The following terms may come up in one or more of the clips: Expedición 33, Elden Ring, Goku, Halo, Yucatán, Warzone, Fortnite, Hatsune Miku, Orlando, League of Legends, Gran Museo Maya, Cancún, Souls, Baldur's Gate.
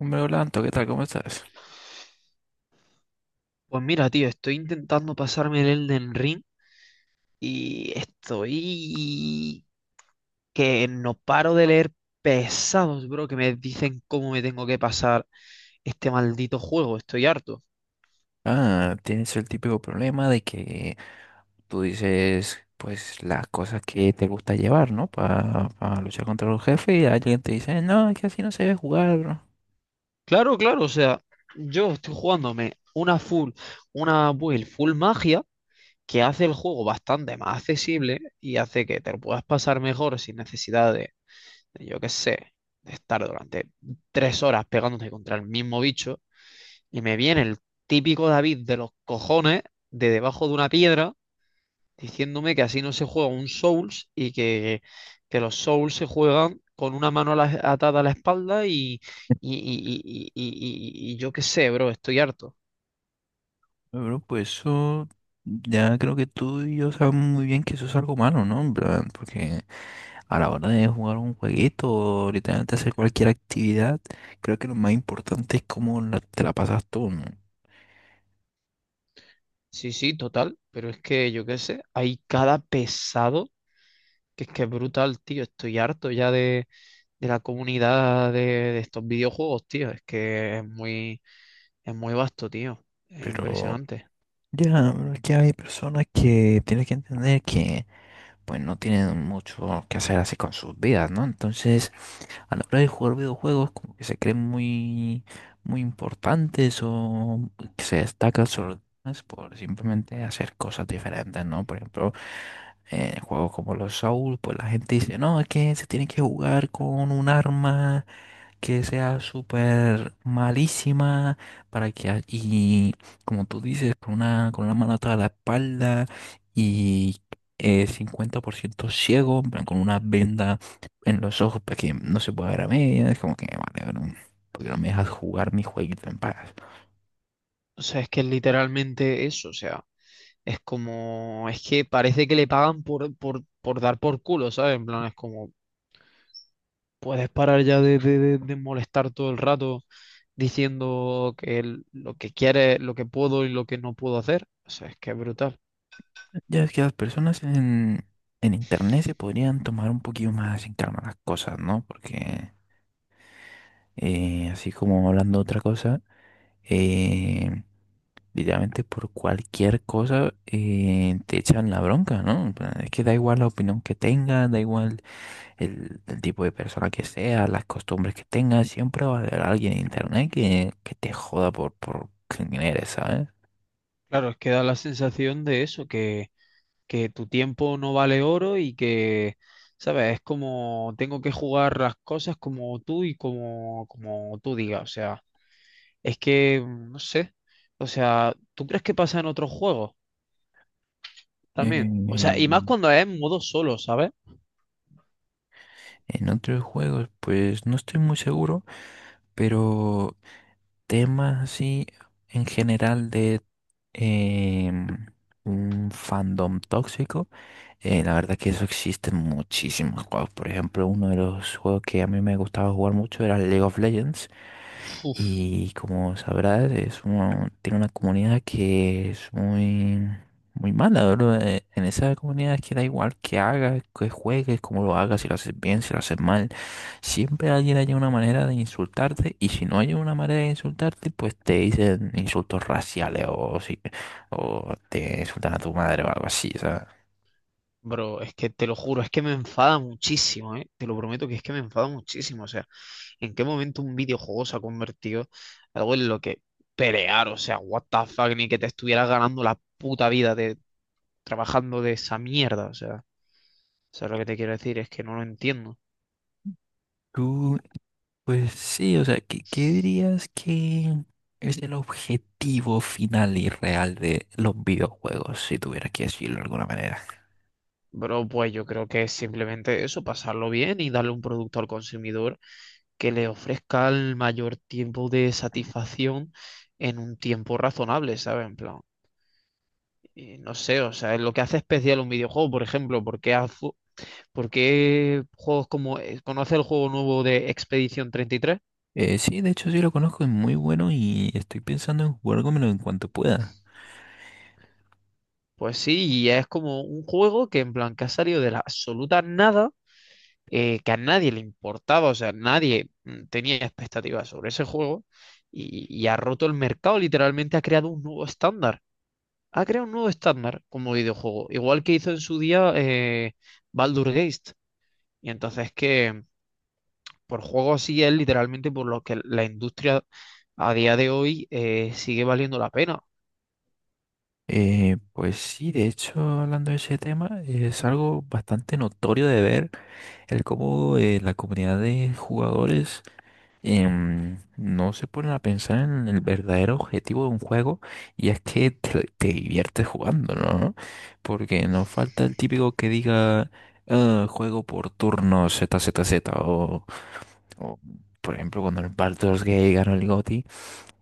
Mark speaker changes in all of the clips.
Speaker 1: Hombre, Orlando, ¿qué tal? ¿Cómo estás?
Speaker 2: Pues mira, tío, estoy intentando pasarme el Elden Ring y estoy que no paro de leer pesados, bro, que me dicen cómo me tengo que pasar este maldito juego. Estoy harto.
Speaker 1: Ah, tienes el típico problema de que tú dices, pues, las cosas que te gusta llevar, ¿no? Para luchar contra los jefes y alguien te dice, no, es que así no se debe jugar, bro.
Speaker 2: Claro, claro, o sea, yo estoy jugándome una full, una build full magia que hace el juego bastante más accesible y hace que te lo puedas pasar mejor sin necesidad de, yo qué sé, de estar durante tres horas pegándote contra el mismo bicho. Y me viene el típico David de los cojones de debajo de una piedra diciéndome que así no se juega un Souls y que los Souls se juegan con una mano atada a la espalda y yo qué sé, bro, estoy harto.
Speaker 1: Pero pues eso, ya creo que tú y yo sabemos muy bien que eso es algo malo, ¿no? En plan, porque a la hora de jugar un jueguito o literalmente hacer cualquier actividad, creo que lo más importante es cómo te la pasas tú, ¿no?
Speaker 2: Sí, sí, total, pero es que yo qué sé, hay cada pesado que es brutal, tío, estoy harto ya de la comunidad de estos videojuegos, tío, es que es muy vasto, tío, es
Speaker 1: Pero...
Speaker 2: impresionante.
Speaker 1: Ya, pero es que hay personas que tienen que entender que pues no tienen mucho que hacer así con sus vidas, ¿no? Entonces, a la hora de jugar videojuegos, como que se creen muy, muy importantes o que se destacan sobre los demás por simplemente hacer cosas diferentes, ¿no? Por ejemplo, en juegos como los Souls, pues la gente dice, no, es que se tiene que jugar con un arma que sea súper malísima para que y como tú dices con una mano atrás de la espalda y 50% ciego, en plan, con una venda en los ojos para que no se pueda ver a medias. Como que vale, bro, porque no me dejas jugar mi jueguito en paz.
Speaker 2: O sea, es que es literalmente eso, o sea, es como, es que parece que le pagan por dar por culo, ¿sabes? En plan, es como, puedes parar ya de molestar todo el rato diciendo que lo que quiere lo que puedo y lo que no puedo hacer. O sea, es que es brutal.
Speaker 1: Ya es que las personas en internet se podrían tomar un poquito más en calma las cosas, ¿no? Porque así como hablando de otra cosa, eh, literalmente por cualquier cosa te echan la bronca, ¿no? En plan, es que da igual la opinión que tengas, da igual el tipo de persona que sea, las costumbres que tengas, siempre va a haber alguien en internet que te joda por quién eres, ¿sabes?
Speaker 2: Claro, es que da la sensación de eso, que tu tiempo no vale oro y que, ¿sabes? Es como, tengo que jugar las cosas como tú y como, como tú digas, o sea. Es que, no sé. O sea, ¿tú crees que pasa en otros juegos también? O sea,
Speaker 1: Eh,
Speaker 2: y más cuando es en modo solo, ¿sabes?
Speaker 1: en otros juegos, pues no estoy muy seguro, pero temas así en general de em, un fandom tóxico. La verdad que eso existe en muchísimos juegos. Por ejemplo, uno de los juegos que a mí me gustaba jugar mucho era League of Legends.
Speaker 2: Uf,
Speaker 1: Y como sabrás, es tiene una comunidad que es muy, muy mala, bro. En esa comunidad, que da igual que hagas, que juegues, cómo lo hagas, si lo haces bien, si lo haces mal, siempre alguien haya una manera de insultarte, y si no hay una manera de insultarte, pues te dicen insultos raciales o, si, o te insultan a tu madre o algo así, ¿sabes?
Speaker 2: bro, es que te lo juro, es que me enfada muchísimo, ¿eh? Te lo prometo que es que me enfada muchísimo. O sea, ¿en qué momento un videojuego se ha convertido en algo en lo que pelear? O sea, what the fuck, ni que te estuvieras ganando la puta vida de trabajando de esa mierda. O sea, ¿sabes lo que te quiero decir? Es que no lo entiendo.
Speaker 1: ¿Tú Pues sí, o sea, ¿qué, qué dirías que es el objetivo final y real de los videojuegos, si tuvieras que decirlo de alguna manera?
Speaker 2: Bro, pues yo creo que es simplemente eso, pasarlo bien y darle un producto al consumidor que le ofrezca el mayor tiempo de satisfacción en un tiempo razonable, ¿sabes? En plan, no sé, o sea, es lo que hace especial un videojuego, por ejemplo, ¿por qué, por qué juegos como... ¿Conoce el juego nuevo de Expedición 33?
Speaker 1: Sí, de hecho sí lo conozco, es muy bueno y estoy pensando en jugármelo en cuanto pueda.
Speaker 2: Pues sí, y es como un juego que en plan que ha salido de la absoluta nada, que a nadie le importaba, o sea, nadie tenía expectativas sobre ese juego y ha roto el mercado, literalmente ha creado un nuevo estándar. Ha creado un nuevo estándar como videojuego, igual que hizo en su día Baldur's Gate. Y entonces que por juego así es literalmente por lo que la industria a día de hoy sigue valiendo la pena.
Speaker 1: Pues sí, de hecho, hablando de ese tema, es algo bastante notorio de ver el cómo la comunidad de jugadores no se ponen a pensar en el verdadero objetivo de un juego, y es que te diviertes jugando, ¿no? Porque no falta el típico que diga "Ah, juego por turno z Z Z", o por ejemplo cuando el Baldur's Gate ganó el GOTY,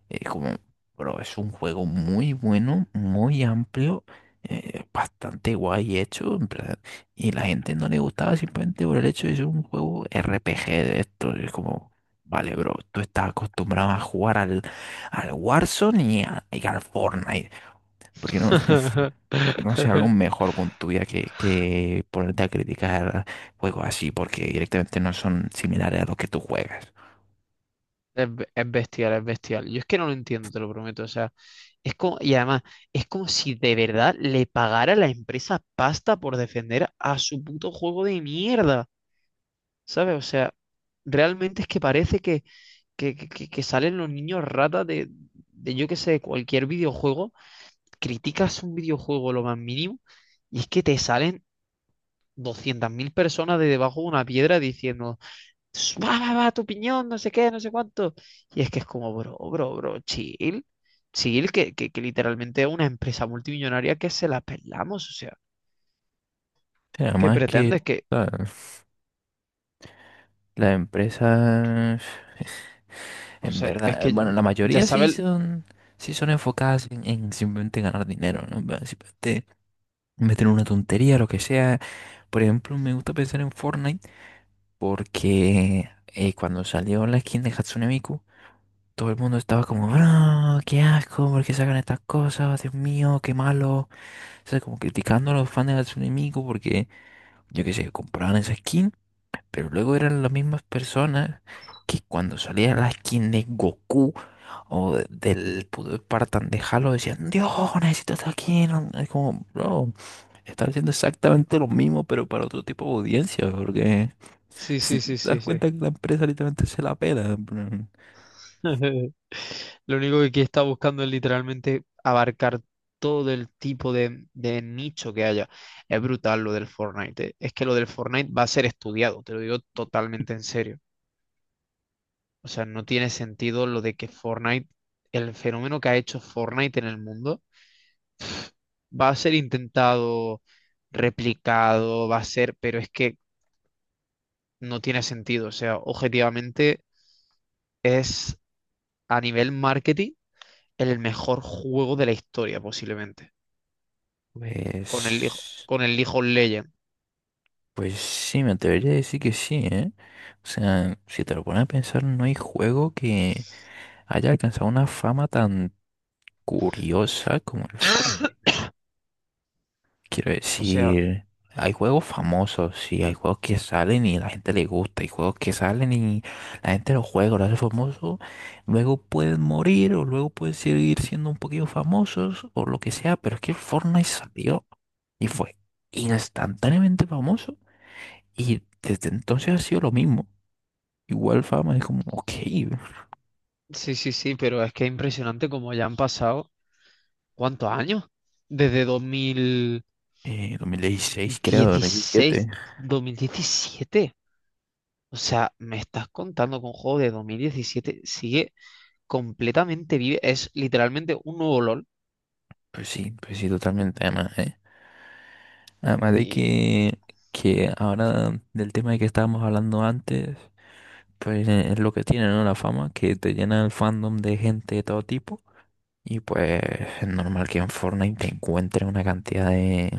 Speaker 1: es como, bro, es un juego muy bueno, muy amplio, bastante guay hecho, en plan, y la gente no le gustaba simplemente por el hecho de ser un juego RPG de esto. Es como, vale, bro, tú estás acostumbrado a jugar al, al Warzone y, y al Fortnite. ¿Por qué no, por qué no hacer algo mejor con tu vida que ponerte a criticar juegos así? Porque directamente no son similares a los que tú juegas.
Speaker 2: Es, es bestial, es bestial. Yo es que no lo entiendo, te lo prometo. O sea, es como, y además, es como si de verdad le pagara la empresa pasta por defender a su puto juego de mierda. ¿Sabes? O sea, realmente es que parece que, que salen los niños ratas de, yo qué sé, cualquier videojuego, criticas un videojuego lo más mínimo y es que te salen 200.000 personas de debajo de una piedra diciendo, "Ss, va, va, va, tu opinión, no sé qué, no sé cuánto". Y es que es como, bro, bro, bro, chill, chill, que literalmente es una empresa multimillonaria que se la pelamos, o sea,
Speaker 1: O
Speaker 2: ¿qué
Speaker 1: además que...
Speaker 2: pretendes? Que,
Speaker 1: ¿sabes? Las empresas,
Speaker 2: o
Speaker 1: en
Speaker 2: sea, es
Speaker 1: verdad,
Speaker 2: que
Speaker 1: bueno, la
Speaker 2: ya
Speaker 1: mayoría
Speaker 2: sabes,
Speaker 1: sí son enfocadas en simplemente ganar dinero, ¿no? Va, simplemente meter una tontería, lo que sea. Por ejemplo, me gusta pensar en Fortnite porque cuando salió la skin de Hatsune Miku, todo el mundo estaba como, bro, qué asco, ¿por qué sacan estas cosas? Dios mío, qué malo. O sea, como criticando a los fans de Hatsune Miku porque, yo qué sé, compraban esa skin. Pero luego eran las mismas personas que cuando salía la skin de Goku o del puto Spartan de Halo decían, Dios, necesito esta skin no- Es como, bro, están haciendo exactamente lo mismo, pero para otro tipo de audiencia, porque
Speaker 2: sí,
Speaker 1: si
Speaker 2: sí,
Speaker 1: te
Speaker 2: sí,
Speaker 1: das
Speaker 2: sí, sí.
Speaker 1: cuenta que la empresa literalmente se la pela, en plan,
Speaker 2: Lo único que aquí está buscando es literalmente abarcar todo el tipo de nicho que haya. Es brutal lo del Fortnite. Es que lo del Fortnite va a ser estudiado, te lo digo totalmente en serio. O sea, no tiene sentido lo de que Fortnite, el fenómeno que ha hecho Fortnite en el mundo, va a ser intentado, replicado, va a ser, pero es que no tiene sentido. O sea, objetivamente es a nivel marketing el mejor juego de la historia posiblemente. Con el, hijo
Speaker 1: Pues,
Speaker 2: con el League of Legends.
Speaker 1: pues sí, me atrevería a decir que sí, ¿eh? O sea, si te lo pones a pensar, no hay juego que haya alcanzado una fama tan curiosa como el Fortnite. Quiero
Speaker 2: O sea,
Speaker 1: decir, hay juegos famosos y hay juegos que salen y la gente le gusta, hay juegos que salen y la gente los juega, los hace famosos, luego pueden morir o luego pueden seguir siendo un poquito famosos o lo que sea, pero es que el Fortnite salió y fue instantáneamente famoso, y desde entonces ha sido lo mismo. Igual fama es como, ok,
Speaker 2: sí, sí, sí, pero es que es impresionante como ya han pasado, ¿cuántos años? Desde
Speaker 1: 2016 creo, 2017.
Speaker 2: 2016, 2017. O sea, me estás contando con un juego de 2017 sigue completamente vive, es literalmente un nuevo LOL.
Speaker 1: Pues sí, totalmente, además, ¿eh? Además de
Speaker 2: Y,
Speaker 1: que ahora del tema de que estábamos hablando antes, pues es lo que tiene, ¿no? La fama, que te llena el fandom de gente de todo tipo. Y pues es normal que en Fortnite te encuentres una cantidad de,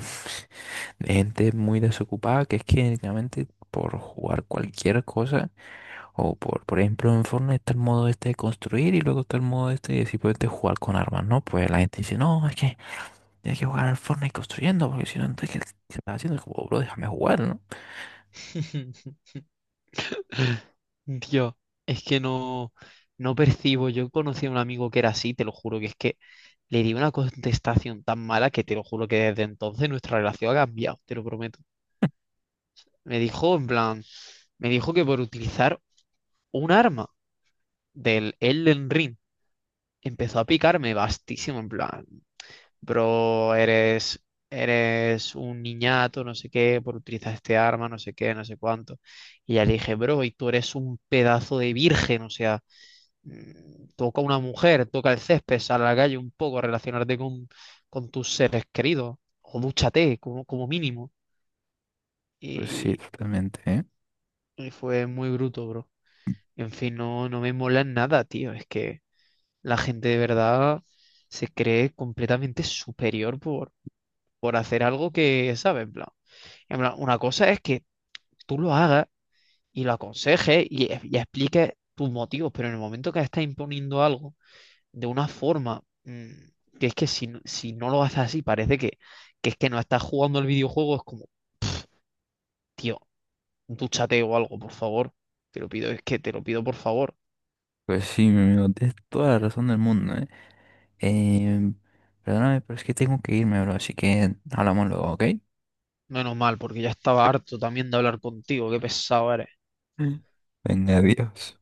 Speaker 1: de gente muy desocupada, que es que directamente por jugar cualquier cosa, o por ejemplo en Fortnite está el modo este de construir y luego está el modo este de simplemente jugar con armas, ¿no? Pues la gente dice, no, es que tienes que jugar al Fortnite construyendo, porque si no, entonces, ¿qué, qué estás haciendo? Es como, bro, déjame jugar, ¿no?
Speaker 2: Dios, es que no, no percibo. Yo conocí a un amigo que era así, te lo juro, que es que le di una contestación tan mala que te lo juro que desde entonces nuestra relación ha cambiado, te lo prometo. Me dijo, en plan, me dijo que por utilizar un arma del Elden Ring empezó a picarme bastísimo, en plan, bro, eres, eres un niñato, no sé qué, por utilizar este arma, no sé qué, no sé cuánto. Y ya le dije, bro, y tú eres un pedazo de virgen, o sea, toca a una mujer, toca el césped, sal a la calle un poco, relacionarte con tus seres queridos, o dúchate como, como mínimo.
Speaker 1: Pues sí,
Speaker 2: Y,
Speaker 1: totalmente, ¿eh?
Speaker 2: y fue muy bruto, bro. En fin, no, no me mola nada, tío. Es que la gente de verdad se cree completamente superior por hacer algo que, ¿sabes? En plan, una cosa es que tú lo hagas y lo aconsejes y expliques tus motivos, pero en el momento que estás imponiendo algo, de una forma que es que si, si no lo haces así, parece que es que no estás jugando al videojuego, es como, tío, dúchate o algo, por favor. Te lo pido, es que te lo pido, por favor.
Speaker 1: Pues sí, mi amigo, tienes toda la razón del mundo, ¿eh? Em, perdóname, pero es que tengo que irme, bro, así que hablamos luego, ¿ok?
Speaker 2: Menos mal, porque ya estaba harto también de hablar contigo, qué pesado eres.
Speaker 1: Mm. Venga, adiós.